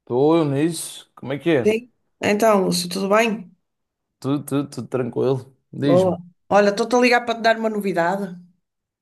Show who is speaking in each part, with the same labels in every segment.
Speaker 1: Estou eu nisso. Como é que é?
Speaker 2: Sim. Então, Lúcio, tudo bem?
Speaker 1: Tudo, tranquilo.
Speaker 2: Boa.
Speaker 1: Diz-me.
Speaker 2: Olha, estou-te a ligar para te dar uma novidade.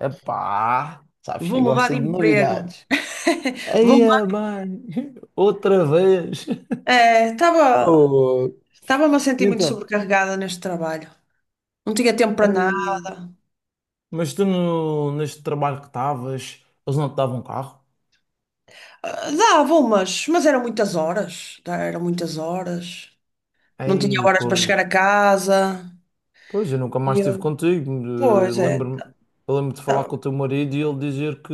Speaker 1: Epá, sabes
Speaker 2: Vou
Speaker 1: que
Speaker 2: mudar
Speaker 1: gosta
Speaker 2: de
Speaker 1: de
Speaker 2: emprego.
Speaker 1: novidades.
Speaker 2: Vou
Speaker 1: Aí,
Speaker 2: mudar.
Speaker 1: mãe, outra vez.
Speaker 2: Eh, Estava,
Speaker 1: Oh,
Speaker 2: estava-me a
Speaker 1: e
Speaker 2: sentir muito
Speaker 1: então?
Speaker 2: sobrecarregada neste trabalho. Não tinha tempo para nada.
Speaker 1: Mas tu no, neste trabalho que estavas, eles não te davam um carro?
Speaker 2: Dava umas, mas eram muitas horas. Tá, Eram muitas horas. Não tinha
Speaker 1: Aí,
Speaker 2: horas para
Speaker 1: pois.
Speaker 2: chegar a casa.
Speaker 1: Pois, eu nunca
Speaker 2: E
Speaker 1: mais estive
Speaker 2: eu,
Speaker 1: contigo.
Speaker 2: pois é.
Speaker 1: Lembro-me, eu lembro de falar
Speaker 2: tá-
Speaker 1: com o teu marido e ele dizer que,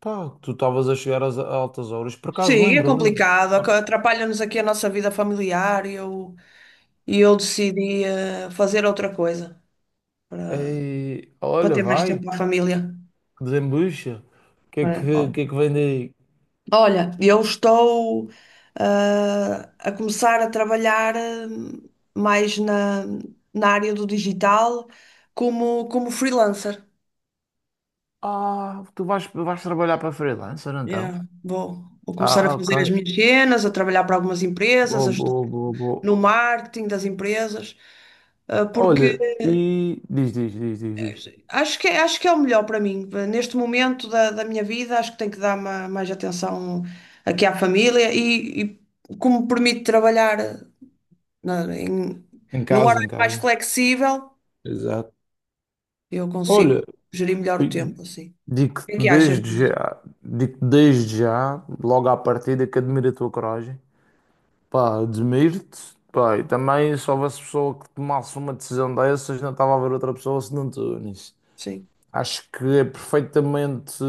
Speaker 1: pá, que tu estavas a chegar às altas horas. Por acaso,
Speaker 2: Sim, é
Speaker 1: lembro.
Speaker 2: complicado.
Speaker 1: Ora,
Speaker 2: Atrapalha-nos aqui a nossa vida familiar. E eu decidi fazer outra coisa,
Speaker 1: ei,
Speaker 2: para
Speaker 1: olha,
Speaker 2: ter mais
Speaker 1: vai,
Speaker 2: tempo para a família.
Speaker 1: que desembucha.
Speaker 2: Olha,
Speaker 1: O que é que vem daí?
Speaker 2: olha, eu estou a começar a trabalhar mais na área do digital como freelancer.
Speaker 1: Ah, tu vais trabalhar para freelancer então?
Speaker 2: Yeah, vou começar a
Speaker 1: Ah, ok.
Speaker 2: fazer as minhas cenas, a trabalhar para algumas empresas, a ajudar
Speaker 1: Boa.
Speaker 2: no marketing das empresas, porque
Speaker 1: Olha, e diz.
Speaker 2: acho que é o melhor para mim. Neste momento da minha vida, acho que tenho que dar mais atenção aqui à família e como permite trabalhar na- em-
Speaker 1: Em
Speaker 2: num
Speaker 1: casa, em
Speaker 2: horário mais
Speaker 1: casa.
Speaker 2: flexível,
Speaker 1: Exato.
Speaker 2: eu consigo
Speaker 1: Olha,
Speaker 2: gerir melhor o
Speaker 1: fi-
Speaker 2: tempo, assim. O que é que achas disso?
Speaker 1: digo-te desde já, logo à partida, que admiro a tua coragem. Pá, admiro-te. Pá, e também se houvesse pessoa que tomasse uma decisão dessas, não estava a ver outra pessoa senão tu nisso.
Speaker 2: Sim.
Speaker 1: Acho que é perfeitamente,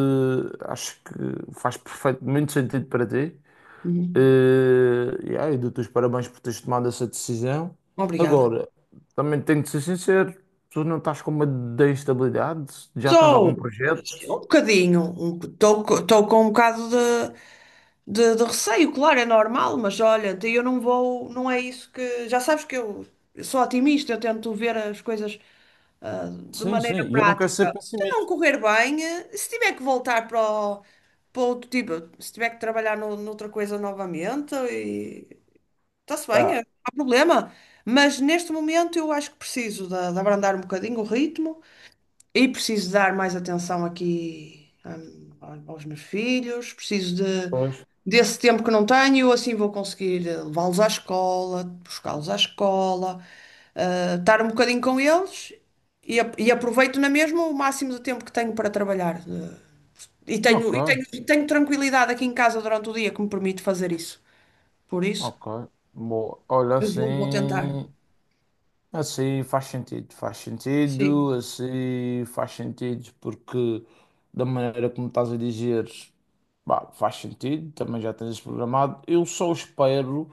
Speaker 1: acho que faz perfeitamente sentido para ti.
Speaker 2: Uhum.
Speaker 1: Yeah, e aí, dou-te os parabéns por teres tomado essa decisão.
Speaker 2: Obrigada.
Speaker 1: Agora, também tenho de ser sincero, tu não estás com medo da instabilidade? Já tens
Speaker 2: Estou
Speaker 1: algum projeto?
Speaker 2: um bocadinho, estou com um bocado de receio, claro, é normal, mas olha, eu não vou, não é isso que. Já sabes que eu sou otimista, eu tento ver as coisas ah, de
Speaker 1: Sim,
Speaker 2: maneira
Speaker 1: sim, e eu não quero ser
Speaker 2: prática. Se não
Speaker 1: pessimista.
Speaker 2: correr bem, se tiver que voltar para outro tipo, se tiver que trabalhar noutra coisa novamente, e está-se bem,
Speaker 1: Ah,
Speaker 2: não há problema. Mas neste momento eu acho que preciso de abrandar um bocadinho o ritmo e preciso dar mais atenção aqui, aos meus filhos, preciso de,
Speaker 1: pois.
Speaker 2: desse tempo que não tenho, assim vou conseguir levá-los à escola, buscá-los à escola, estar um bocadinho com eles e aproveito na mesma o máximo de tempo que tenho para trabalhar. E tenho, e
Speaker 1: Ok,
Speaker 2: tenho, e tenho tranquilidade aqui em casa durante o dia que me permite fazer isso. Por isso,
Speaker 1: ok. Boa. Olha,
Speaker 2: eu vou tentar.
Speaker 1: assim. Assim faz sentido,
Speaker 2: Sim,
Speaker 1: assim faz sentido, porque da maneira como estás a dizer, bah, faz sentido, também já tens isso programado. Eu só espero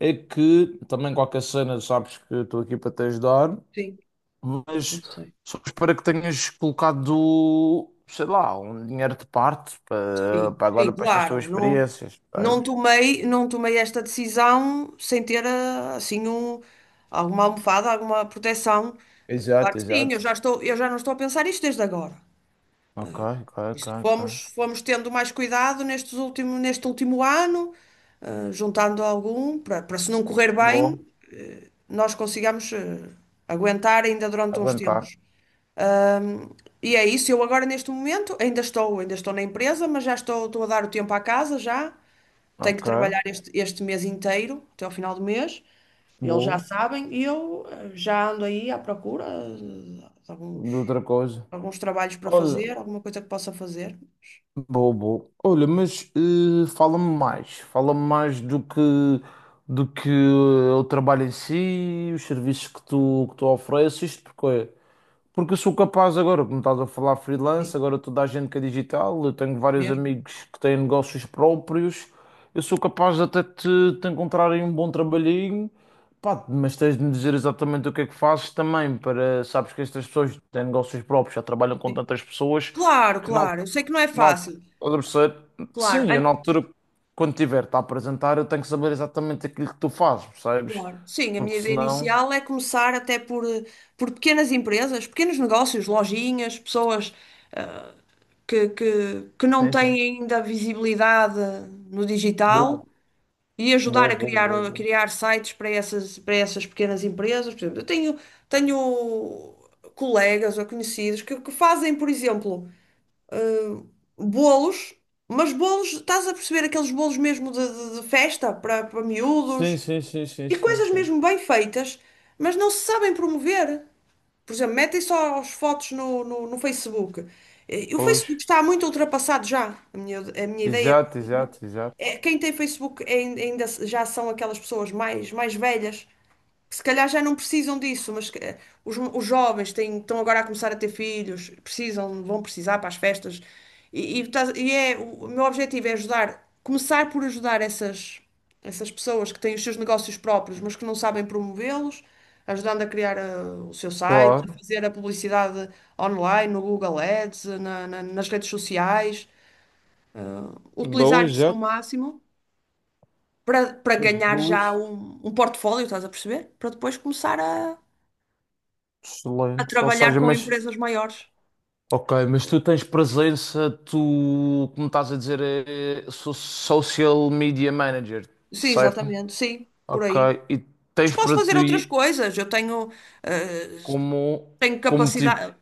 Speaker 1: é que, também qualquer cena, sabes que eu estou aqui para te ajudar,
Speaker 2: sim, eu
Speaker 1: mas
Speaker 2: sei.
Speaker 1: só espero é que tenhas colocado, sei lá, um dinheiro de parte
Speaker 2: Sim,
Speaker 1: para
Speaker 2: sim,
Speaker 1: agora, para estas
Speaker 2: claro.
Speaker 1: tuas
Speaker 2: Não,
Speaker 1: experiências,
Speaker 2: não
Speaker 1: sabes?
Speaker 2: tomei, não tomei esta decisão sem ter assim alguma almofada, alguma proteção. Claro
Speaker 1: Exato,
Speaker 2: que sim, eu
Speaker 1: exato.
Speaker 2: já estou, eu já não estou a pensar isto desde agora. Isto
Speaker 1: Ok.
Speaker 2: fomos tendo mais cuidado neste último ano, juntando algum, para, para se não correr
Speaker 1: Boa,
Speaker 2: bem, nós consigamos aguentar ainda durante uns
Speaker 1: aguentar.
Speaker 2: tempos. Ahm, e é isso, eu agora neste momento ainda estou na empresa, mas estou a dar o tempo à casa já. Tenho que
Speaker 1: Ok,
Speaker 2: trabalhar este mês inteiro, até ao final do mês. Eles já
Speaker 1: boa.
Speaker 2: sabem e eu já ando aí à procura de alguns,
Speaker 1: De outra coisa.
Speaker 2: alguns trabalhos para
Speaker 1: Olha,
Speaker 2: fazer, alguma coisa que possa fazer.
Speaker 1: boa, boa. Olha, mas fala-me mais. Fala-me mais do que o trabalho em si, os serviços que que tu ofereces, porque olha, porque eu sou capaz agora, como estás a falar
Speaker 2: Sim,
Speaker 1: freelance, agora toda a gente que é digital, eu tenho vários
Speaker 2: mesmo,
Speaker 1: amigos que têm negócios próprios, eu sou capaz de te encontrar aí um bom trabalhinho, pá, mas tens de me dizer exatamente o que é que fazes também, para, sabes que estas pessoas que têm negócios próprios, já trabalham com
Speaker 2: sim.
Speaker 1: tantas pessoas,
Speaker 2: Claro,
Speaker 1: que não,
Speaker 2: claro, eu sei que não é
Speaker 1: não,
Speaker 2: fácil. Claro,
Speaker 1: sim,
Speaker 2: a
Speaker 1: eu na altura, quando tiver-te a apresentar, eu tenho que saber exatamente aquilo que tu fazes, percebes?
Speaker 2: claro. Sim, a minha
Speaker 1: Porque
Speaker 2: ideia
Speaker 1: senão,
Speaker 2: inicial é começar até por pequenas empresas, pequenos negócios, lojinhas, pessoas, que, que, que não
Speaker 1: sim, sim,
Speaker 2: têm ainda visibilidade no
Speaker 1: boa,
Speaker 2: digital e ajudar a criar, a
Speaker 1: boa.
Speaker 2: criar sites para essas pequenas empresas. Por exemplo, eu tenho colegas ou conhecidos que fazem, por exemplo, bolos, mas bolos, estás a perceber aqueles bolos mesmo de festa para
Speaker 1: Sim,
Speaker 2: miúdos
Speaker 1: sim, sim, sim,
Speaker 2: e
Speaker 1: sim,
Speaker 2: coisas
Speaker 1: sim.
Speaker 2: mesmo bem feitas, mas não se sabem promover. Por exemplo, metem só as fotos no Facebook. O
Speaker 1: Pois.
Speaker 2: Facebook está muito ultrapassado já. A minha ideia é que o
Speaker 1: Exato,
Speaker 2: Facebook.
Speaker 1: exato, exato.
Speaker 2: É, quem tem Facebook é ainda já são aquelas pessoas mais velhas que se calhar já não precisam disso, mas que, os jovens têm, estão agora a começar a ter filhos, precisam, vão precisar para as festas. O meu objetivo é ajudar, começar por ajudar essas, essas pessoas que têm os seus negócios próprios, mas que não sabem promovê-los, ajudando a criar o seu site, a
Speaker 1: Claro.
Speaker 2: fazer a publicidade online, no Google Ads, nas redes sociais, utilizar
Speaker 1: Dois,
Speaker 2: isso
Speaker 1: já.
Speaker 2: ao máximo. Para ganhar
Speaker 1: Duas.
Speaker 2: já um portfólio, estás a perceber? Para depois começar a
Speaker 1: Excelente. Ou
Speaker 2: trabalhar
Speaker 1: seja,
Speaker 2: com
Speaker 1: mas.
Speaker 2: empresas maiores.
Speaker 1: Ok, mas tu tens presença, tu, como estás a dizer, é social media manager,
Speaker 2: Sim,
Speaker 1: certo?
Speaker 2: exatamente, sim, por
Speaker 1: Ok,
Speaker 2: aí.
Speaker 1: e
Speaker 2: Mas
Speaker 1: tens
Speaker 2: posso
Speaker 1: para
Speaker 2: fazer outras
Speaker 1: ti
Speaker 2: coisas. Eu tenho, eh,
Speaker 1: como,
Speaker 2: tenho
Speaker 1: como,
Speaker 2: capacidade,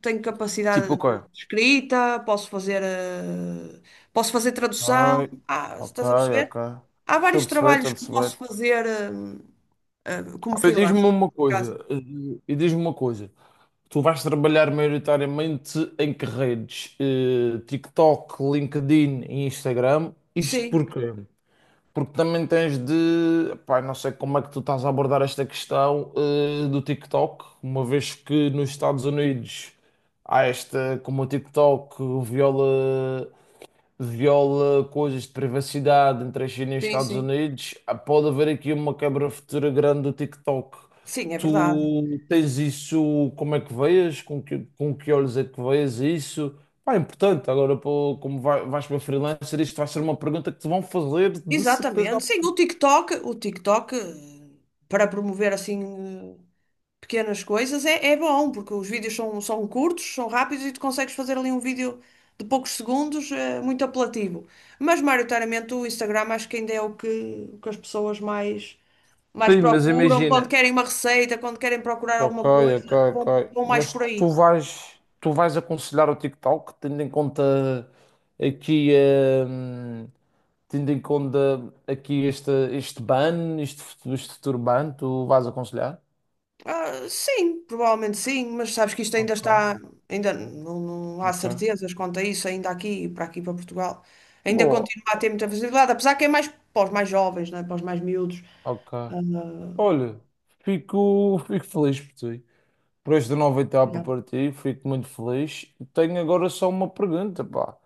Speaker 2: tenho
Speaker 1: tipo,
Speaker 2: capacidade de
Speaker 1: ok.
Speaker 2: escrita, posso fazer tradução.
Speaker 1: Ok,
Speaker 2: Ah,
Speaker 1: ok,
Speaker 2: estás a perceber?
Speaker 1: ok.
Speaker 2: Há
Speaker 1: Estou a
Speaker 2: vários
Speaker 1: perceber, estou a
Speaker 2: trabalhos que posso
Speaker 1: perceber.
Speaker 2: fazer, como
Speaker 1: E diz-me
Speaker 2: freelancer, por
Speaker 1: uma
Speaker 2: acaso.
Speaker 1: coisa, e diz-me uma coisa. Tu vais trabalhar maioritariamente em que redes? Eh, TikTok, LinkedIn e Instagram. Isto
Speaker 2: Sim,
Speaker 1: porquê? Porque também tens de. Pá, não sei como é que tu estás a abordar esta questão, do TikTok, uma vez que nos Estados Unidos há esta, como o TikTok viola viola coisas de privacidade entre a China e os
Speaker 2: sim,
Speaker 1: Estados
Speaker 2: sim.
Speaker 1: Unidos, ah, pode haver aqui uma quebra futura grande do TikTok.
Speaker 2: Sim, é verdade.
Speaker 1: Tu tens isso, como é que vês? Com que olhos é que vês isso? Pá, é importante. Agora, pô, como vais para freelancer, isto vai ser uma pergunta que te vão fazer de certeza
Speaker 2: Exatamente. Sim, o
Speaker 1: absoluta.
Speaker 2: TikTok, o TikTok, para promover assim pequenas coisas é bom, porque os vídeos são curtos, são rápidos e tu consegues fazer ali um vídeo de poucos segundos, muito apelativo. Mas maioritariamente o Instagram acho que ainda é o que as pessoas mais
Speaker 1: Sim, mas
Speaker 2: procuram. Quando
Speaker 1: imagina.
Speaker 2: querem uma receita, quando querem procurar
Speaker 1: Ok,
Speaker 2: alguma coisa,
Speaker 1: ok.
Speaker 2: vão mais
Speaker 1: Mas
Speaker 2: por
Speaker 1: tu
Speaker 2: aí.
Speaker 1: tu vais aconselhar o TikTok, tendo em conta aqui hum, tendo em conta aqui este ban, este futuro ban, tu vais aconselhar?
Speaker 2: Ah, sim, provavelmente sim, mas sabes que isto ainda
Speaker 1: Ok,
Speaker 2: está, ainda não, não há
Speaker 1: ok.
Speaker 2: certezas quanto a isso, ainda aqui, para aqui, para Portugal. Ainda
Speaker 1: Boa,
Speaker 2: continua a ter muita visibilidade, apesar que é mais para os mais jovens, né? Para os mais miúdos.
Speaker 1: ok.
Speaker 2: Ah,
Speaker 1: Olha, fico feliz por ti. Por esta nova etapa para ti, fico muito feliz. Tenho agora só uma pergunta, pá.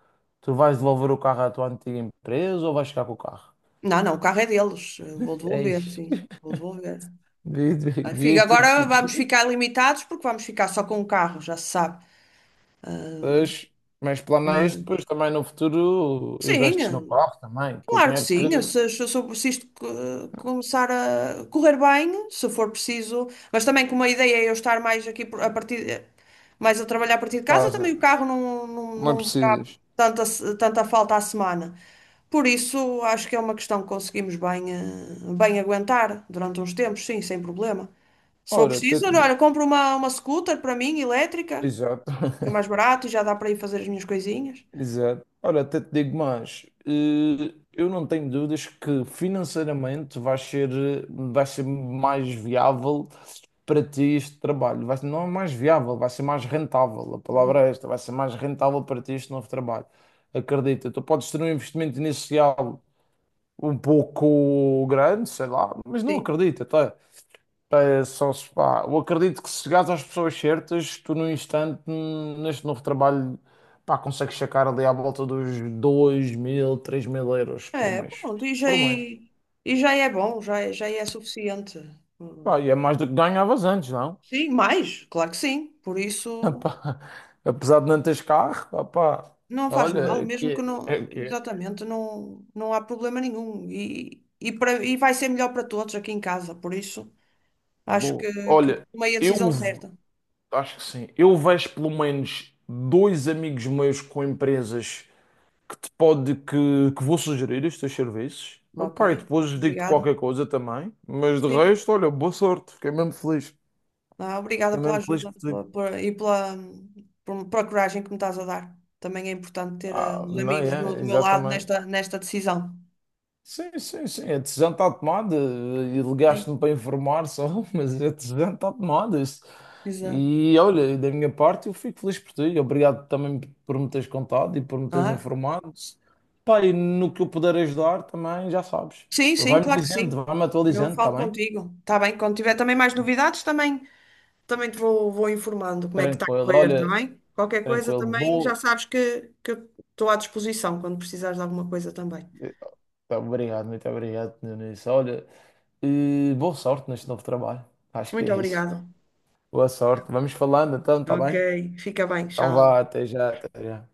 Speaker 1: Tu vais devolver o carro à tua antiga empresa ou vais ficar com o carro?
Speaker 2: não, não, o carro é deles. Eu vou
Speaker 1: Ei,
Speaker 2: devolver, sim. Vou devolver. Ah,
Speaker 1: devias ter
Speaker 2: agora vamos
Speaker 1: pedido.
Speaker 2: ficar limitados porque vamos ficar só com o carro, já se sabe. Ah,
Speaker 1: Mas, mas planeias depois
Speaker 2: mas,
Speaker 1: também no futuro
Speaker 2: sim,
Speaker 1: investes no carro também, com o
Speaker 2: claro que
Speaker 1: dinheiro que
Speaker 2: sim. Eu Se, se, se, se isto começar a correr bem, se for preciso. Mas também como a ideia é eu estar mais aqui a trabalhar a partir de casa,
Speaker 1: casa.
Speaker 2: também o carro não, não,
Speaker 1: Não
Speaker 2: não
Speaker 1: precisas.
Speaker 2: tanta, tanta falta à semana. Por isso, acho que é uma questão que conseguimos bem, bem aguentar durante uns tempos, sim, sem problema. Se for
Speaker 1: Ora, até
Speaker 2: preciso, olha,
Speaker 1: te-
Speaker 2: olha, compro uma scooter para mim, elétrica,
Speaker 1: Exato.
Speaker 2: que é mais barato e já dá para ir fazer as minhas coisinhas.
Speaker 1: Exato. Ora, até te digo mais. Eu não tenho dúvidas que financeiramente vai ser, vai ser mais viável para ti este trabalho. Vai, não é mais viável, vai ser mais rentável. A
Speaker 2: Uhum.
Speaker 1: palavra é esta, vai ser mais rentável para ti este novo trabalho. Acredita, tu podes ter um investimento inicial um pouco grande, sei lá, mas não
Speaker 2: Sim.
Speaker 1: acredita, tá? Pá, é só se, pá, eu acredito que se chegares às pessoas certas, tu num instante, neste novo trabalho, pá, consegues sacar ali à volta dos 2000, 3000 euros por
Speaker 2: É,
Speaker 1: mês.
Speaker 2: pronto, e já,
Speaker 1: Por mês.
Speaker 2: e, e já é bom, já, já é suficiente.
Speaker 1: Pá, e
Speaker 2: Hum.
Speaker 1: é mais do que ganhavas antes, não?
Speaker 2: Sim, mais, claro que sim. Por isso.
Speaker 1: Pá, apesar de não teres carro, pá,
Speaker 2: Não faz mal,
Speaker 1: olha, é
Speaker 2: mesmo que
Speaker 1: que é,
Speaker 2: não,
Speaker 1: é que é.
Speaker 2: exatamente, não, não há problema nenhum. E vai ser melhor para todos aqui em casa, por isso acho
Speaker 1: Boa.
Speaker 2: que
Speaker 1: Olha,
Speaker 2: tomei a
Speaker 1: eu
Speaker 2: decisão
Speaker 1: v-
Speaker 2: certa.
Speaker 1: acho que sim, eu vejo pelo menos dois amigos meus com empresas que te pode que vou sugerir os teus serviços.
Speaker 2: Ok,
Speaker 1: Opa, e depois digo-te
Speaker 2: obrigada.
Speaker 1: qualquer coisa também, mas de
Speaker 2: Sim,
Speaker 1: resto, olha, boa sorte, fiquei mesmo feliz.
Speaker 2: obrigada
Speaker 1: Fiquei
Speaker 2: pela
Speaker 1: mesmo feliz
Speaker 2: ajuda
Speaker 1: por ti.
Speaker 2: e pela coragem que me estás a dar. Também é importante ter
Speaker 1: Ah,
Speaker 2: os
Speaker 1: não
Speaker 2: amigos do,
Speaker 1: é?
Speaker 2: do meu lado
Speaker 1: Exatamente.
Speaker 2: nesta decisão.
Speaker 1: Sim, a decisão está tomada e
Speaker 2: Sim,
Speaker 1: ligaste-me para informar só, mas a decisão está tomada. Isso.
Speaker 2: exato.
Speaker 1: E olha, da minha parte, eu fico feliz por ti. Obrigado também por me teres contado e por me teres
Speaker 2: Ah,
Speaker 1: informado. Pá, e no que eu puder ajudar também, já sabes.
Speaker 2: sim, sim,
Speaker 1: Vai-me
Speaker 2: claro que sim.
Speaker 1: dizendo, vai-me
Speaker 2: Eu
Speaker 1: atualizando, está
Speaker 2: falo
Speaker 1: bem?
Speaker 2: contigo. Está bem, quando tiver também mais novidades, também. Também te vou informando como é que está a
Speaker 1: Tranquilo,
Speaker 2: correr, está
Speaker 1: olha,
Speaker 2: bem? Qualquer coisa
Speaker 1: tranquilo,
Speaker 2: também já
Speaker 1: boa.
Speaker 2: sabes que eu estou à disposição quando precisares de alguma coisa também.
Speaker 1: Tá, obrigado, muito obrigado, Nunes. Olha, boa sorte neste novo trabalho. Acho que é
Speaker 2: Muito
Speaker 1: isso.
Speaker 2: obrigada.
Speaker 1: Boa sorte. Vamos falando então, tá
Speaker 2: Ok,
Speaker 1: bem?
Speaker 2: fica bem,
Speaker 1: Então
Speaker 2: tchau.
Speaker 1: vá, até já, até já.